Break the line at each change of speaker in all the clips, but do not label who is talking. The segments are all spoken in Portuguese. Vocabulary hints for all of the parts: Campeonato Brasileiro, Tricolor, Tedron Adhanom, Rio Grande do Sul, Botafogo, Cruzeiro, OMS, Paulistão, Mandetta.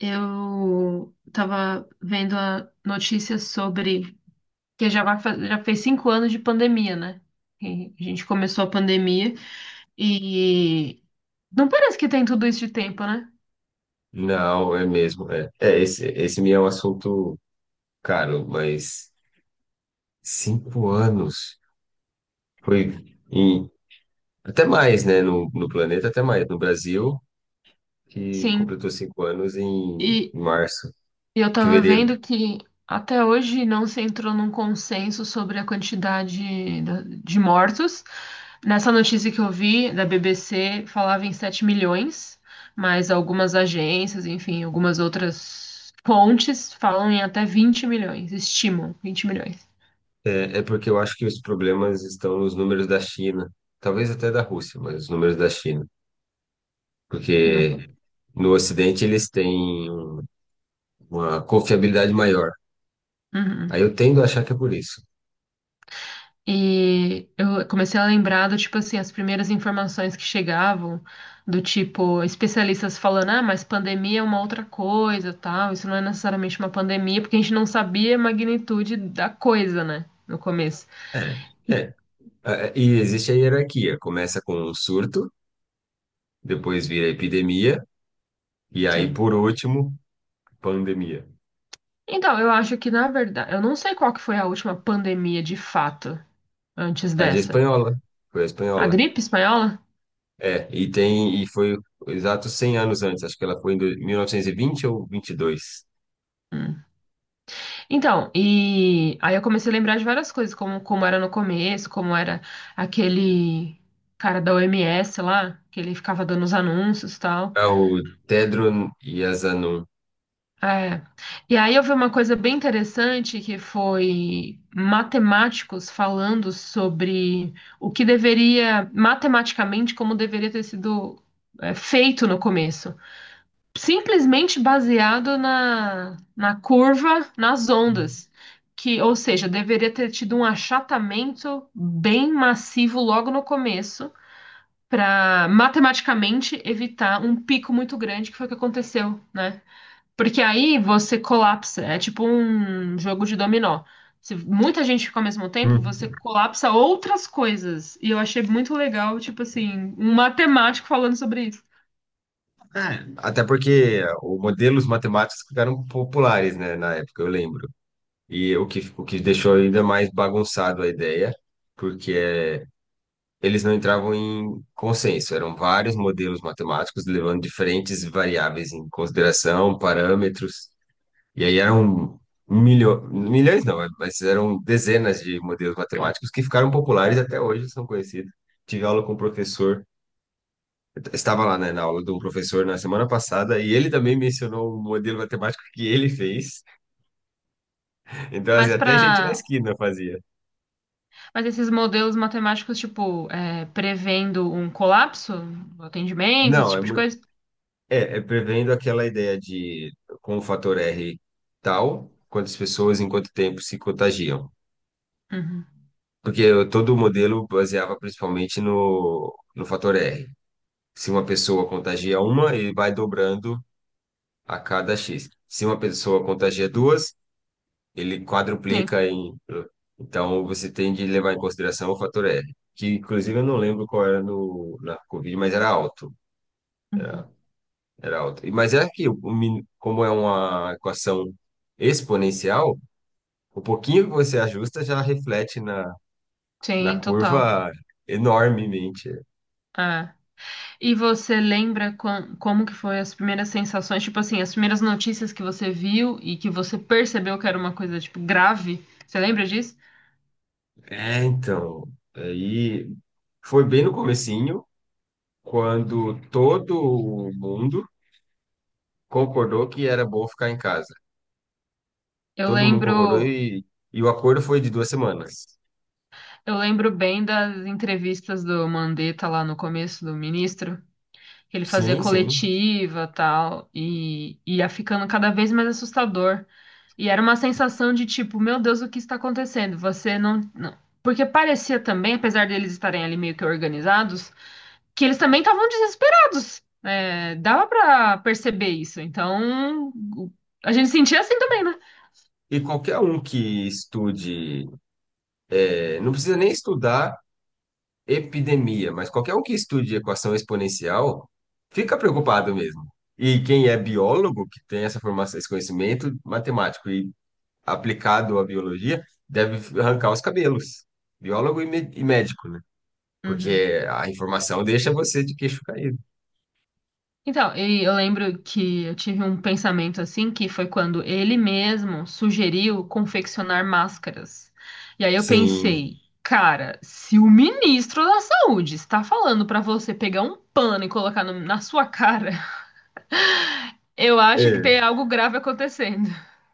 Eu tava vendo a notícia sobre que já vai já fez cinco anos de pandemia, né? E a gente começou a pandemia e não parece que tem tudo isso de tempo, né?
Não, é mesmo. É, esse me é um assunto caro, mas 5 anos foi em, até mais, né? No planeta, até mais. No Brasil, que
Sim.
completou 5 anos em
E
março,
E eu tava
fevereiro.
vendo que até hoje não se entrou num consenso sobre a quantidade de mortos. Nessa notícia que eu vi da BBC, falava em 7 milhões, mas algumas agências, enfim, algumas outras fontes falam em até 20 milhões, estimam 20 milhões.
É, porque eu acho que os problemas estão nos números da China, talvez até da Rússia, mas os números da China,
Não
porque
foi.
no Ocidente eles têm uma confiabilidade maior.
Uhum.
Aí eu tendo a achar que é por isso.
E eu comecei a lembrar do tipo assim, as primeiras informações que chegavam, do tipo, especialistas falando, ah, mas pandemia é uma outra coisa, tal, isso não é necessariamente uma pandemia, porque a gente não sabia a magnitude da coisa, né, no começo.
É. é. E existe a hierarquia. Começa com o surto, depois vira epidemia, e aí,
Sim.
por último, pandemia.
Então, eu acho que, na verdade, eu não sei qual que foi a última pandemia de fato, antes
A de
dessa.
espanhola. Foi a
A
espanhola.
gripe espanhola?
E foi exato 100 anos antes. Acho que ela foi em 1920 ou 22.
Então, e aí eu comecei a lembrar de várias coisas, como, como era no começo, como era aquele cara da OMS lá, que ele ficava dando os anúncios e tal.
É o Tedron Adhanom.
É. E aí eu vi uma coisa bem interessante que foi matemáticos falando sobre o que deveria, matematicamente, como deveria ter sido, feito no começo. Simplesmente baseado na curva, nas ondas, que, ou seja, deveria ter tido um achatamento bem massivo logo no começo, para matematicamente evitar um pico muito grande, que foi o que aconteceu, né? Porque aí você colapsa, é tipo um jogo de dominó. Se muita gente fica ao mesmo tempo, você
Hum.
colapsa outras coisas. E eu achei muito legal, tipo assim, um matemático falando sobre isso.
É, até porque os modelos matemáticos ficaram populares, né, na época, eu lembro. E o que deixou ainda mais bagunçado a ideia, porque é eles não entravam em consenso, eram vários modelos matemáticos levando diferentes variáveis em consideração, parâmetros, e aí eram milhões, não, mas eram dezenas de modelos matemáticos que ficaram populares até hoje, são conhecidos. Tive aula com um professor, eu estava lá, né, na aula de um professor na semana passada, e ele também mencionou um modelo matemático que ele fez, então assim,
Mas
até gente na
para
esquina fazia.
Mas esses modelos matemáticos, tipo, prevendo um colapso do atendimento, esse
Não, é
tipo de
muito.
coisa?
Prevendo aquela ideia de com o fator R tal, quantas pessoas em quanto tempo se contagiam.
Uhum.
Porque todo o modelo baseava principalmente no fator R. Se uma pessoa contagia uma, ele vai dobrando a cada X. Se uma pessoa contagia duas, ele
Sim.
quadruplica em. Então, você tem de levar em consideração o fator R, que inclusive eu não lembro qual era no, na Covid, mas era alto.
Uhum.
Era alta. Mas é que, como é uma equação exponencial, o pouquinho que você ajusta já reflete na
Sim, total.
curva enormemente.
É. E você lembra como que foi as primeiras sensações, tipo assim, as primeiras notícias que você viu e que você percebeu que era uma coisa, tipo, grave? Você lembra disso?
É, então, aí foi bem no comecinho, quando todo mundo concordou que era bom ficar em casa.
Eu
Todo mundo concordou
lembro,
e o acordo foi de 2 semanas.
eu lembro bem das entrevistas do Mandetta lá no começo, do ministro. Que ele fazia
Sim, sim.
coletiva tal, e ia ficando cada vez mais assustador. E era uma sensação de tipo, meu Deus, o que está acontecendo? Você não, não. Porque parecia também, apesar deles estarem ali meio que organizados, que eles também estavam desesperados. É, dava pra perceber isso. Então, o- a gente sentia assim também, né?
E qualquer um que estude, não precisa nem estudar, epidemia, mas qualquer um que estude equação exponencial fica preocupado mesmo. E quem é biólogo, que tem essa formação, esse conhecimento matemático e aplicado à biologia, deve arrancar os cabelos. Biólogo e médico, né?
Uhum.
Porque a informação deixa você de queixo caído.
Então, e eu lembro que eu tive um pensamento assim, que foi quando ele mesmo sugeriu confeccionar máscaras. E aí eu
Sim.
pensei, cara, se o ministro da Saúde está falando para você pegar um pano e colocar na sua cara, eu acho que
É.
tem algo grave acontecendo.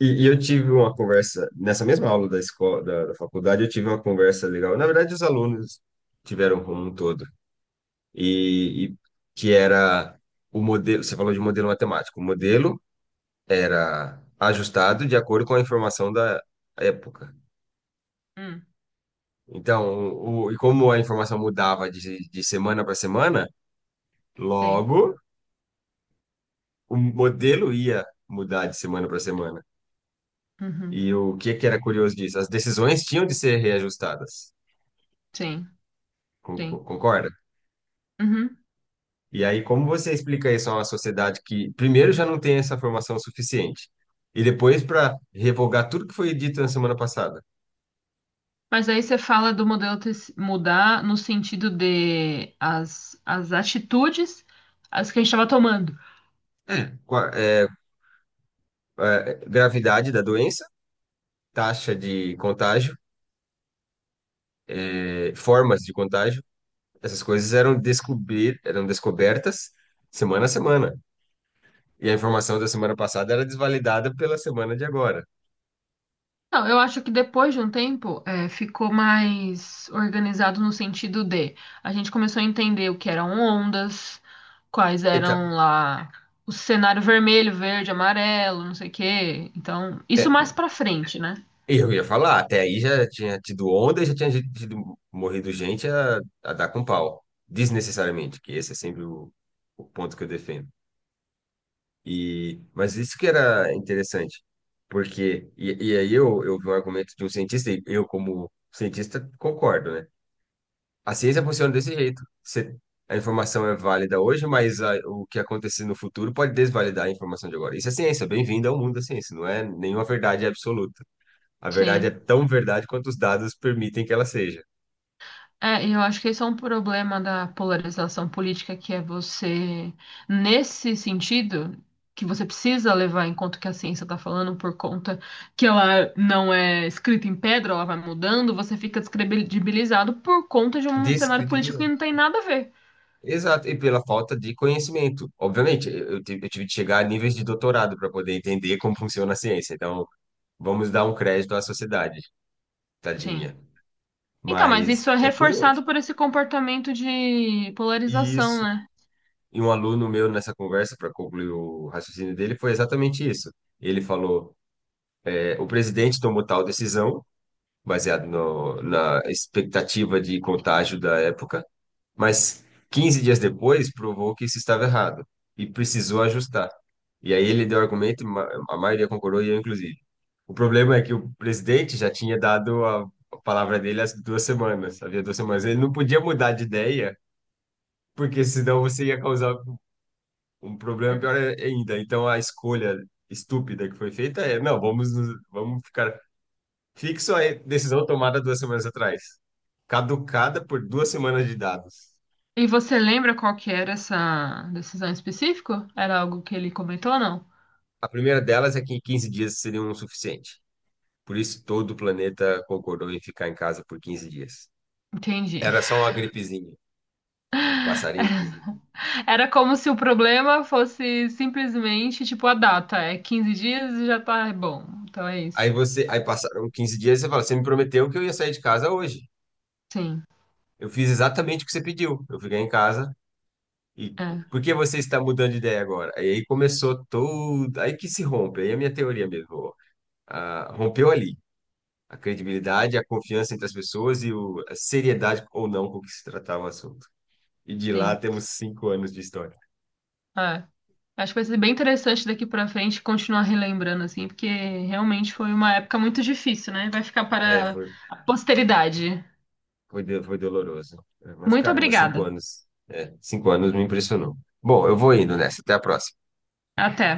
E eu tive uma conversa, nessa mesma aula da escola, da faculdade, eu tive uma conversa legal. Na verdade, os alunos tiveram como um todo. E que era o modelo, você falou de modelo matemático, o modelo era ajustado de acordo com a informação da época.
Hum,
Então, e como a informação mudava de semana para semana,
tem.
logo o modelo ia mudar de semana para semana.
Uhum,
E o que que era curioso disso? As decisões tinham de ser reajustadas.
sim, sim.
Con- Concorda?
Uhum.
E aí, como você explica isso a uma sociedade que, primeiro, já não tem essa formação suficiente, e depois, para revogar tudo que foi dito na semana passada?
Mas aí você fala do modelo ter se- mudar no sentido de as atitudes as que a gente estava tomando.
Qua- é, gravidade da doença, taxa de contágio, formas de contágio, essas coisas eram, descobrir, eram descobertas semana a semana. E a informação da semana passada era desvalidada pela semana de agora.
Não, eu acho que depois de um tempo, ficou mais organizado no sentido de a gente começou a entender o que eram ondas, quais eram
Então,
lá o cenário vermelho, verde, amarelo, não sei o quê. Então, isso
é,
mais pra frente, né?
Eu ia falar, até aí já tinha tido onda e já tinha tido, morrido gente a dar com pau, desnecessariamente, que esse é sempre o ponto que eu defendo. E, mas isso que era interessante, porque, eu vi um argumento de um cientista, e eu, como cientista, concordo, né? A ciência funciona desse jeito. Você, a informação é válida hoje, mas o que acontecer no futuro pode desvalidar a informação de agora. Isso é ciência, bem-vindo ao mundo da ciência, não é nenhuma verdade absoluta. A verdade é
Sim.
tão verdade quanto os dados permitem que ela seja.
É, e eu acho que esse é um problema da polarização política, que é você, nesse sentido, que você precisa levar em conta o que a ciência está falando, por conta que ela não é escrita em pedra, ela vai mudando, você fica descredibilizado por conta de um cenário político que
Descredibilidade.
não tem nada a ver.
Exato, e pela falta de conhecimento. Obviamente, eu tive de chegar a níveis de doutorado para poder entender como funciona a ciência. Então, vamos dar um crédito à sociedade,
Sim.
tadinha.
Então, mas isso
Mas
é
é
reforçado
curioso.
por esse comportamento de polarização,
Isso.
né?
E um aluno meu nessa conversa, para concluir o raciocínio dele, foi exatamente isso. Ele falou: o presidente tomou tal decisão, baseado na expectativa de contágio da época. Mas 15 dias depois provou que isso estava errado e precisou ajustar. E aí ele deu argumento, a maioria concordou e eu inclusive. O problema é que o presidente já tinha dado a palavra dele há 2 semanas, havia 2 semanas. Ele não podia mudar de ideia, porque senão você ia causar um problema
Sim.
pior ainda. Então a escolha estúpida que foi feita é, não, vamos ficar fixo à decisão tomada 2 semanas atrás, caducada por 2 semanas de dados.
E você lembra qual que era essa decisão específica? Era algo que ele comentou ou não?
A primeira delas é que 15 dias seriam o suficiente. Por isso, todo o planeta concordou em ficar em casa por 15 dias.
Entendi.
Era só uma gripezinha, um em 15 dias.
Era como se o problema fosse simplesmente, tipo, a data. É 15 dias e já tá bom. Então é isso.
Aí você, aí passaram 15 dias e você fala, você me prometeu que eu ia sair de casa hoje.
Sim,
Eu fiz exatamente o que você pediu. Eu fiquei em casa e
é,
por que você está mudando de ideia agora? Aí começou todo, aí que se rompe, aí a minha teoria mesmo, ah, rompeu ali. A credibilidade, a confiança entre as pessoas e a seriedade ou não com que se tratava o assunto. E de lá
sim,
temos 5 anos de história.
é. Acho que vai ser bem interessante daqui pra frente continuar relembrando, assim, porque realmente foi uma época muito difícil, né? Vai ficar
É,
para
foi,
a posteridade.
foi, do- foi doloroso. É, mas
Muito
caramba, cinco
obrigada.
anos. É, cinco anos me impressionou. Bom, eu vou indo nessa. Até a próxima.
Até.